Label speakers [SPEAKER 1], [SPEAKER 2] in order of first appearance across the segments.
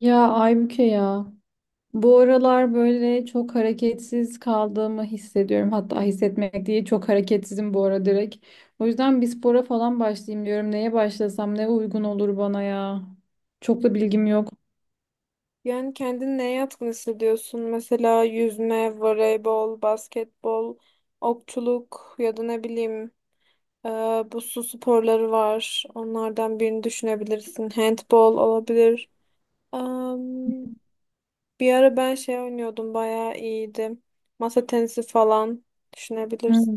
[SPEAKER 1] Ya Aybüke ya. Bu aralar böyle çok hareketsiz kaldığımı hissediyorum. Hatta hissetmek değil çok hareketsizim bu ara direkt. O yüzden bir spora falan başlayayım diyorum. Neye başlasam ne uygun olur bana ya. Çok da bilgim yok.
[SPEAKER 2] Yani kendini neye yatkın hissediyorsun? Mesela yüzme, voleybol, basketbol, okçuluk ya da ne bileyim ee, bu su sporları var. Onlardan birini düşünebilirsin. Handball olabilir. Am, bir ara ben şey oynuyordum. Bayağı iyiydim. Masa tenisi falan düşünebilirsin.
[SPEAKER 1] Hmm.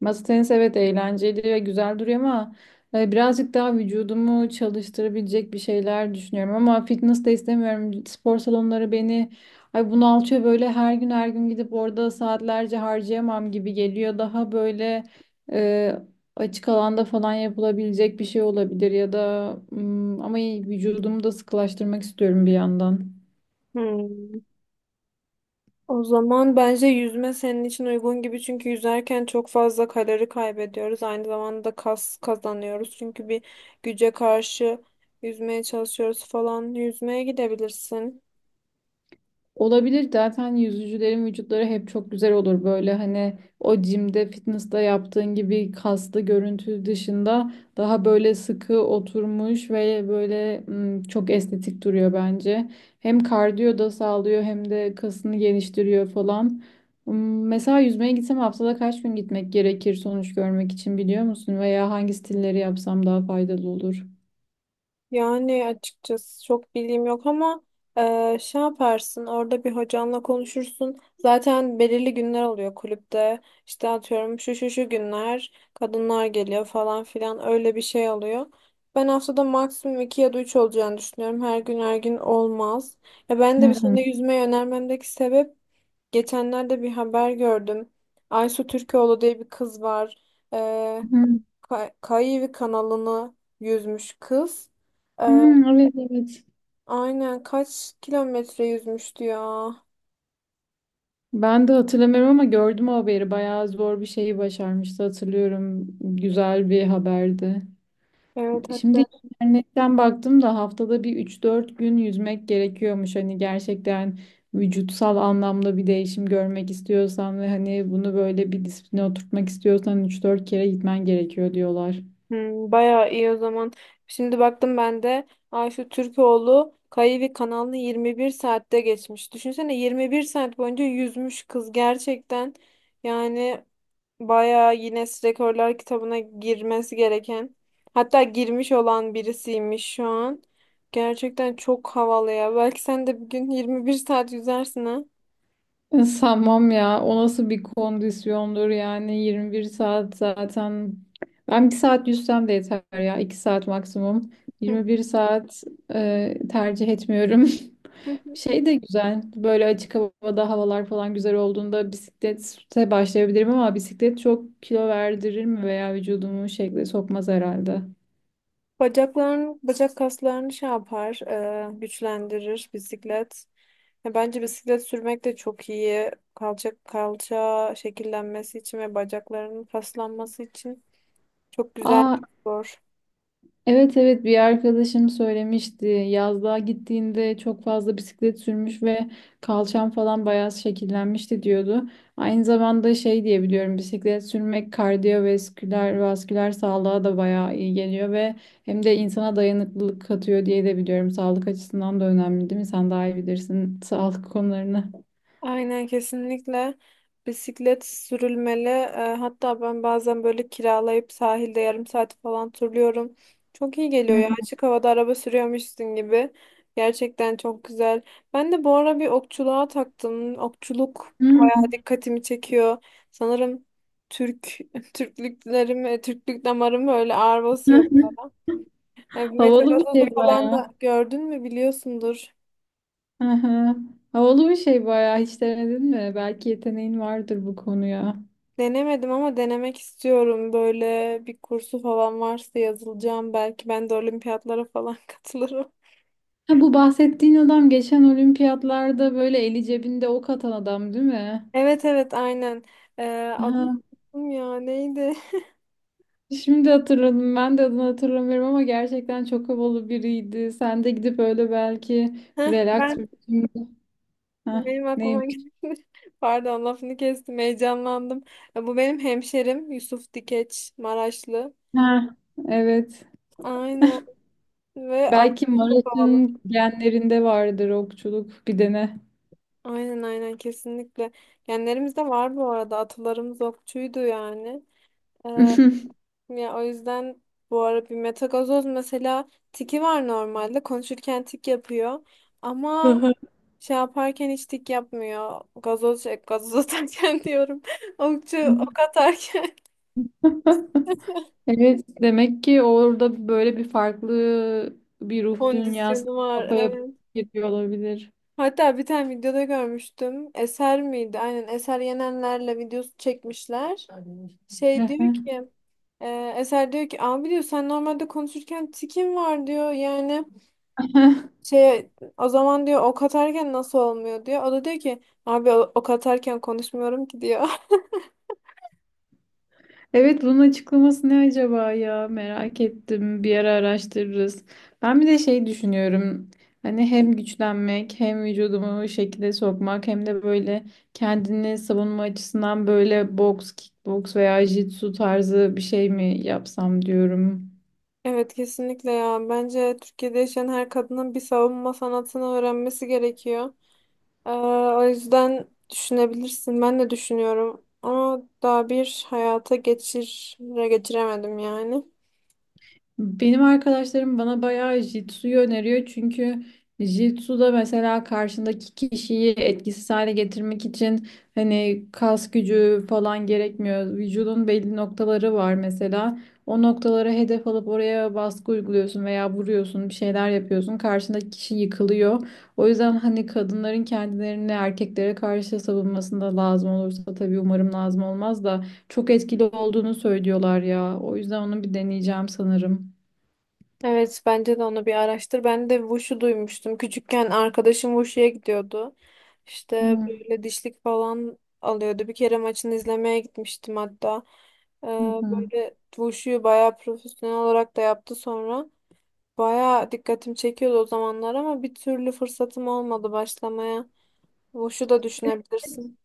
[SPEAKER 1] Masa tenisi evet eğlenceli ve güzel duruyor ama birazcık daha vücudumu çalıştırabilecek bir şeyler düşünüyorum ama fitness de istemiyorum. Spor salonları beni ay bunaltıyor böyle her gün her gün gidip orada saatlerce harcayamam gibi geliyor. Daha böyle e, Açık alanda falan yapılabilecek bir şey olabilir ya da ama vücudumu da sıkılaştırmak istiyorum bir yandan.
[SPEAKER 2] Hmm. O zaman bence yüzme senin için uygun gibi. Çünkü yüzerken çok fazla kalori kaybediyoruz. Aynı zamanda kas kazanıyoruz. Çünkü bir güce karşı yüzmeye çalışıyoruz falan. Yüzmeye gidebilirsin.
[SPEAKER 1] Olabilir, zaten yüzücülerin vücutları hep çok güzel olur böyle, hani o jimde fitness'ta yaptığın gibi kaslı görüntü dışında daha böyle sıkı oturmuş ve böyle çok estetik duruyor bence. Hem kardiyo da sağlıyor hem de kasını geliştiriyor falan. Mesela yüzmeye gitsem haftada kaç gün gitmek gerekir sonuç görmek için biliyor musun? Veya hangi stilleri yapsam daha faydalı olur?
[SPEAKER 2] Yani açıkçası çok bilgim yok ama şey yaparsın, orada bir hocanla konuşursun. Zaten belirli günler oluyor kulüpte. İşte atıyorum şu şu şu günler kadınlar geliyor falan filan, öyle bir şey oluyor. Ben haftada maksimum 2 ya da 3 olacağını düşünüyorum. Her gün her gün olmaz. Ya ben
[SPEAKER 1] Hı
[SPEAKER 2] de bir
[SPEAKER 1] hı.
[SPEAKER 2] sene yüzmeyi önermemdeki sebep, geçenlerde bir haber gördüm. Aysu Türkoğlu diye bir kız var. Eee
[SPEAKER 1] Hı.
[SPEAKER 2] Kayıvi kanalını yüzmüş kız.
[SPEAKER 1] Hmm, evet, evet.
[SPEAKER 2] Aynen, kaç kilometre yüzmüştü ya.
[SPEAKER 1] Ben de hatırlamıyorum ama gördüm o haberi. Bayağı zor bir şeyi başarmıştı, hatırlıyorum. Güzel bir haberdi.
[SPEAKER 2] Evet,
[SPEAKER 1] Şimdi
[SPEAKER 2] hatta.
[SPEAKER 1] internetten baktım da haftada bir üç dört gün yüzmek gerekiyormuş. Hani gerçekten vücutsal anlamda bir değişim görmek istiyorsan ve hani bunu böyle bir disipline oturtmak istiyorsan üç dört kere gitmen gerekiyor diyorlar.
[SPEAKER 2] Hmm, bayağı iyi o zaman. Şimdi baktım ben de Ayşe Türkoğlu Kayıvi kanalını 21 saatte geçmiş. Düşünsene 21 saat boyunca yüzmüş kız gerçekten. Yani bayağı Guinness Rekorlar kitabına girmesi gereken, hatta girmiş olan birisiymiş şu an. Gerçekten çok havalı ya. Belki sen de bir gün 21 saat yüzersin ha.
[SPEAKER 1] Sanmam ya. O nasıl bir kondisyondur yani, 21 saat zaten. Ben bir saat yüzsem de yeter ya. 2 saat maksimum. 21 saat tercih etmiyorum. Şey de güzel. Böyle açık havada havalar falan güzel olduğunda bisiklete başlayabilirim ama bisiklet çok kilo verdirir mi veya vücudumu şekle sokmaz herhalde.
[SPEAKER 2] Bacak kaslarını şey yapar, güçlendirir bisiklet. Ya bence bisiklet sürmek de çok iyi. Kalça şekillenmesi için ve bacaklarının kaslanması için çok güzel bir
[SPEAKER 1] Aa,
[SPEAKER 2] spor.
[SPEAKER 1] evet, evet, bir arkadaşım söylemişti. Yazlığa gittiğinde çok fazla bisiklet sürmüş ve kalçam falan bayağı şekillenmişti diyordu. Aynı zamanda şey diye biliyorum, bisiklet sürmek kardiyovasküler vasküler sağlığa da bayağı iyi geliyor ve hem de insana dayanıklılık katıyor diye de biliyorum. Sağlık açısından da önemli değil mi? Sen daha iyi bilirsin sağlık konularını.
[SPEAKER 2] Aynen, kesinlikle bisiklet sürülmeli. Hatta ben bazen böyle kiralayıp sahilde yarım saat falan turluyorum. Çok iyi geliyor ya, açık havada araba sürüyormuşsun gibi. Gerçekten çok güzel. Ben de bu ara bir okçuluğa taktım. Okçuluk
[SPEAKER 1] Hı hı.
[SPEAKER 2] dikkatimi çekiyor. Sanırım Türk Türklüklerim, Türklük damarım böyle ağır basıyor.
[SPEAKER 1] Hı. Havalı bir
[SPEAKER 2] Metagazozu
[SPEAKER 1] şey
[SPEAKER 2] falan da
[SPEAKER 1] bayağı.
[SPEAKER 2] gördün mü, biliyorsundur.
[SPEAKER 1] Hı hı. Havalı bir şey bayağı. Hiç denedin mi? Belki yeteneğin vardır bu konuya.
[SPEAKER 2] Denemedim ama denemek istiyorum. Böyle bir kursu falan varsa yazılacağım. Belki ben de olimpiyatlara falan katılırım.
[SPEAKER 1] Ha, bu bahsettiğin adam geçen olimpiyatlarda böyle eli cebinde ok atan adam değil mi?
[SPEAKER 2] Evet evet, aynen. E, adı
[SPEAKER 1] Aha.
[SPEAKER 2] unuttum ya, neydi?
[SPEAKER 1] Şimdi hatırladım. Ben de adını hatırlamıyorum ama gerçekten çok havalı biriydi. Sen de gidip öyle belki
[SPEAKER 2] Heh,
[SPEAKER 1] relax bir
[SPEAKER 2] ben
[SPEAKER 1] biçimde- Hah,
[SPEAKER 2] benim aklıma
[SPEAKER 1] neymiş?
[SPEAKER 2] geldi. Pardon, lafını kestim, heyecanlandım. Bu benim hemşerim Yusuf Dikeç Maraşlı.
[SPEAKER 1] Ha, evet.
[SPEAKER 2] Aynen. Ve at
[SPEAKER 1] Belki
[SPEAKER 2] çok havalı.
[SPEAKER 1] Maraş'ın genlerinde vardır okçuluk, bir dene.
[SPEAKER 2] Aynen aynen, kesinlikle. Genlerimizde var bu arada. Atalarımız okçuydu yani. Ee, ya o yüzden bu ara bir metagazoz mesela, tiki var normalde. Konuşurken tik yapıyor. Ama
[SPEAKER 1] Daha-
[SPEAKER 2] şey yaparken hiç tik yapmıyor. Gazoz atarken diyorum. Okçu ok atarken.
[SPEAKER 1] Evet, demek ki orada böyle bir farklı bir ruh dünyası
[SPEAKER 2] Kondisyonu var,
[SPEAKER 1] kafaya yapıp
[SPEAKER 2] evet.
[SPEAKER 1] gidiyor olabilir.
[SPEAKER 2] Hatta bir tane videoda görmüştüm. Eser miydi? Aynen, Eser Yenenler'le videosu çekmişler. Şey diyor ki, Eser diyor ki, abi diyor, sen normalde konuşurken tikin var diyor, yani şey, o zaman diyor, ok atarken nasıl olmuyor diyor. O da diyor ki, abi ok atarken konuşmuyorum ki diyor.
[SPEAKER 1] Evet, bunun açıklaması ne acaba ya, merak ettim, bir ara araştırırız. Ben bir de şey düşünüyorum, hani hem güçlenmek hem vücudumu şekilde sokmak hem de böyle kendini savunma açısından böyle boks, kickboks veya jitsu tarzı bir şey mi yapsam diyorum.
[SPEAKER 2] Evet kesinlikle ya, bence Türkiye'de yaşayan her kadının bir savunma sanatını öğrenmesi gerekiyor. Ee, o yüzden düşünebilirsin, ben de düşünüyorum ama daha bir hayata geçiremedim yani.
[SPEAKER 1] Benim arkadaşlarım bana bayağı Jitsu'yu öneriyor, çünkü Jitsu'da mesela karşındaki kişiyi etkisiz hale getirmek için hani kas gücü falan gerekmiyor. Vücudun belli noktaları var mesela. O noktalara hedef alıp oraya baskı uyguluyorsun veya vuruyorsun, bir şeyler yapıyorsun. Karşındaki kişi yıkılıyor. O yüzden hani kadınların kendilerini erkeklere karşı savunmasında lazım olursa, tabii umarım lazım olmaz da, çok etkili olduğunu söylüyorlar ya. O yüzden onu bir deneyeceğim sanırım.
[SPEAKER 2] Evet, bence de onu bir araştır. Ben de Wushu duymuştum. Küçükken arkadaşım Wushu'ya gidiyordu. İşte
[SPEAKER 1] Hı
[SPEAKER 2] böyle dişlik falan alıyordu. Bir kere maçını izlemeye gitmiştim hatta. Ee,
[SPEAKER 1] hı. Hı.
[SPEAKER 2] böyle Wushu'yu bayağı profesyonel olarak da yaptı sonra. Bayağı dikkatim çekiyordu o zamanlar ama bir türlü fırsatım olmadı başlamaya. Wushu da düşünebilirsin.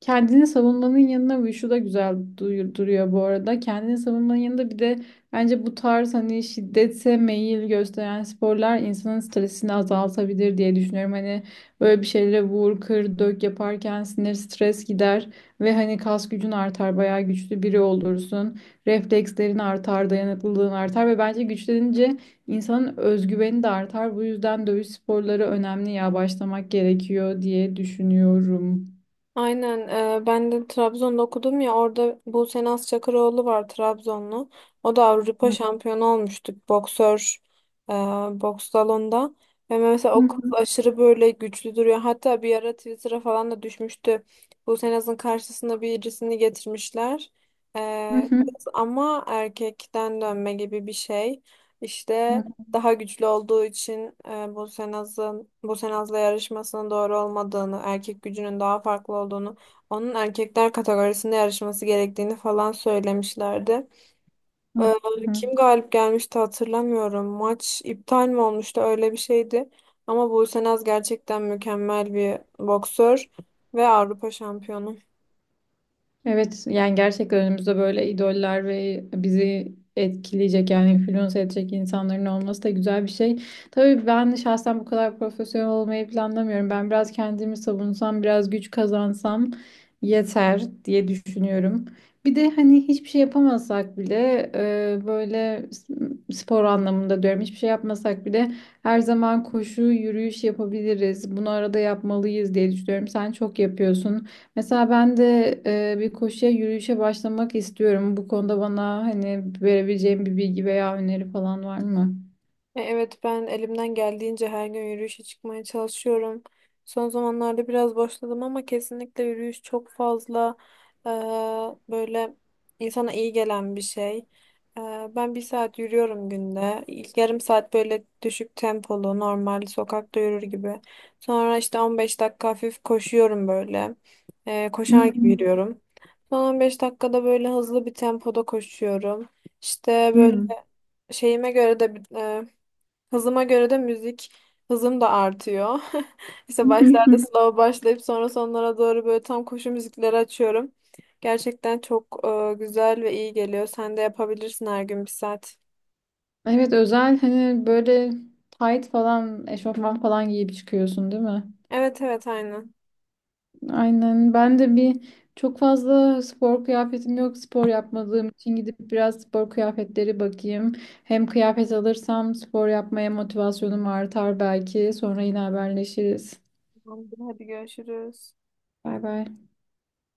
[SPEAKER 1] Kendini savunmanın yanına ve şu da güzel duruyor bu arada. Kendini savunmanın yanında bir de bence bu tarz hani şiddete meyil gösteren sporlar insanın stresini azaltabilir diye düşünüyorum. Hani böyle bir şeylere vur, kır, dök yaparken sinir stres gider ve hani kas gücün artar, bayağı güçlü biri olursun. Reflekslerin artar, dayanıklılığın artar ve bence güçlenince insanın özgüveni de artar. Bu yüzden dövüş sporları önemli ya, başlamak gerekiyor diye düşünüyorum.
[SPEAKER 2] Aynen. Ben de Trabzon'da okudum ya, orada Buse Naz Çakıroğlu var, Trabzonlu. O da Avrupa şampiyonu olmuştu, boksör. e, boks salonunda. Ve mesela
[SPEAKER 1] Hı.
[SPEAKER 2] o kız
[SPEAKER 1] Hı.
[SPEAKER 2] aşırı böyle güçlü duruyor. Hatta bir ara Twitter'a falan da düşmüştü. Buse Naz'ın karşısına birisini getirmişler.
[SPEAKER 1] Hı
[SPEAKER 2] E,
[SPEAKER 1] hı,
[SPEAKER 2] kız ama erkekten dönme gibi bir şey. İşte
[SPEAKER 1] hı
[SPEAKER 2] daha güçlü olduğu için Bosenaz'ın Bosenaz'la yarışmasının doğru olmadığını, erkek gücünün daha farklı olduğunu, onun erkekler kategorisinde yarışması gerektiğini falan söylemişlerdi.
[SPEAKER 1] hı,
[SPEAKER 2] E,
[SPEAKER 1] hı hı.
[SPEAKER 2] kim galip gelmişti hatırlamıyorum. Maç iptal mi olmuştu, öyle bir şeydi. Ama Bosenaz gerçekten mükemmel bir boksör ve Avrupa şampiyonu.
[SPEAKER 1] Evet yani gerçekten önümüzde böyle idoller ve bizi etkileyecek yani influence edecek insanların olması da güzel bir şey. Tabii ben şahsen bu kadar profesyonel olmayı planlamıyorum. Ben biraz kendimi savunsam, biraz güç kazansam yeter diye düşünüyorum. Bir de hani hiçbir şey yapamasak bile böyle spor anlamında diyorum, hiçbir şey yapmasak bile her zaman koşu, yürüyüş yapabiliriz. Bunu arada yapmalıyız diye düşünüyorum. Sen çok yapıyorsun. Mesela ben de bir koşuya, yürüyüşe başlamak istiyorum. Bu konuda bana hani verebileceğim bir bilgi veya öneri falan var mı?
[SPEAKER 2] Evet ben elimden geldiğince her gün yürüyüşe çıkmaya çalışıyorum. Son zamanlarda biraz başladım ama kesinlikle yürüyüş çok fazla, e, böyle insana iyi gelen bir şey. E, ben bir saat yürüyorum günde. İlk yarım saat böyle düşük tempolu, normal sokakta yürür gibi. Sonra işte 15 dakika hafif koşuyorum böyle.
[SPEAKER 1] Hı
[SPEAKER 2] Koşar gibi
[SPEAKER 1] hı.
[SPEAKER 2] yürüyorum. Son 15 dakikada böyle hızlı bir tempoda koşuyorum. İşte böyle
[SPEAKER 1] Hı.
[SPEAKER 2] şeyime göre de, hızıma göre de müzik hızım da artıyor. İşte başlarda slow başlayıp sonra sonlara doğru böyle tam koşu müzikleri açıyorum. Gerçekten çok güzel ve iyi geliyor. Sen de yapabilirsin, her gün bir saat.
[SPEAKER 1] Evet, özel hani böyle tight falan eşofman falan giyip çıkıyorsun değil mi?
[SPEAKER 2] Evet evet, aynen.
[SPEAKER 1] Aynen, ben de bir çok fazla spor kıyafetim yok spor yapmadığım için, gidip biraz spor kıyafetleri bakayım. Hem kıyafet alırsam spor yapmaya motivasyonum artar, belki sonra yine haberleşiriz.
[SPEAKER 2] Tamamdır, hadi görüşürüz.
[SPEAKER 1] Bay bay.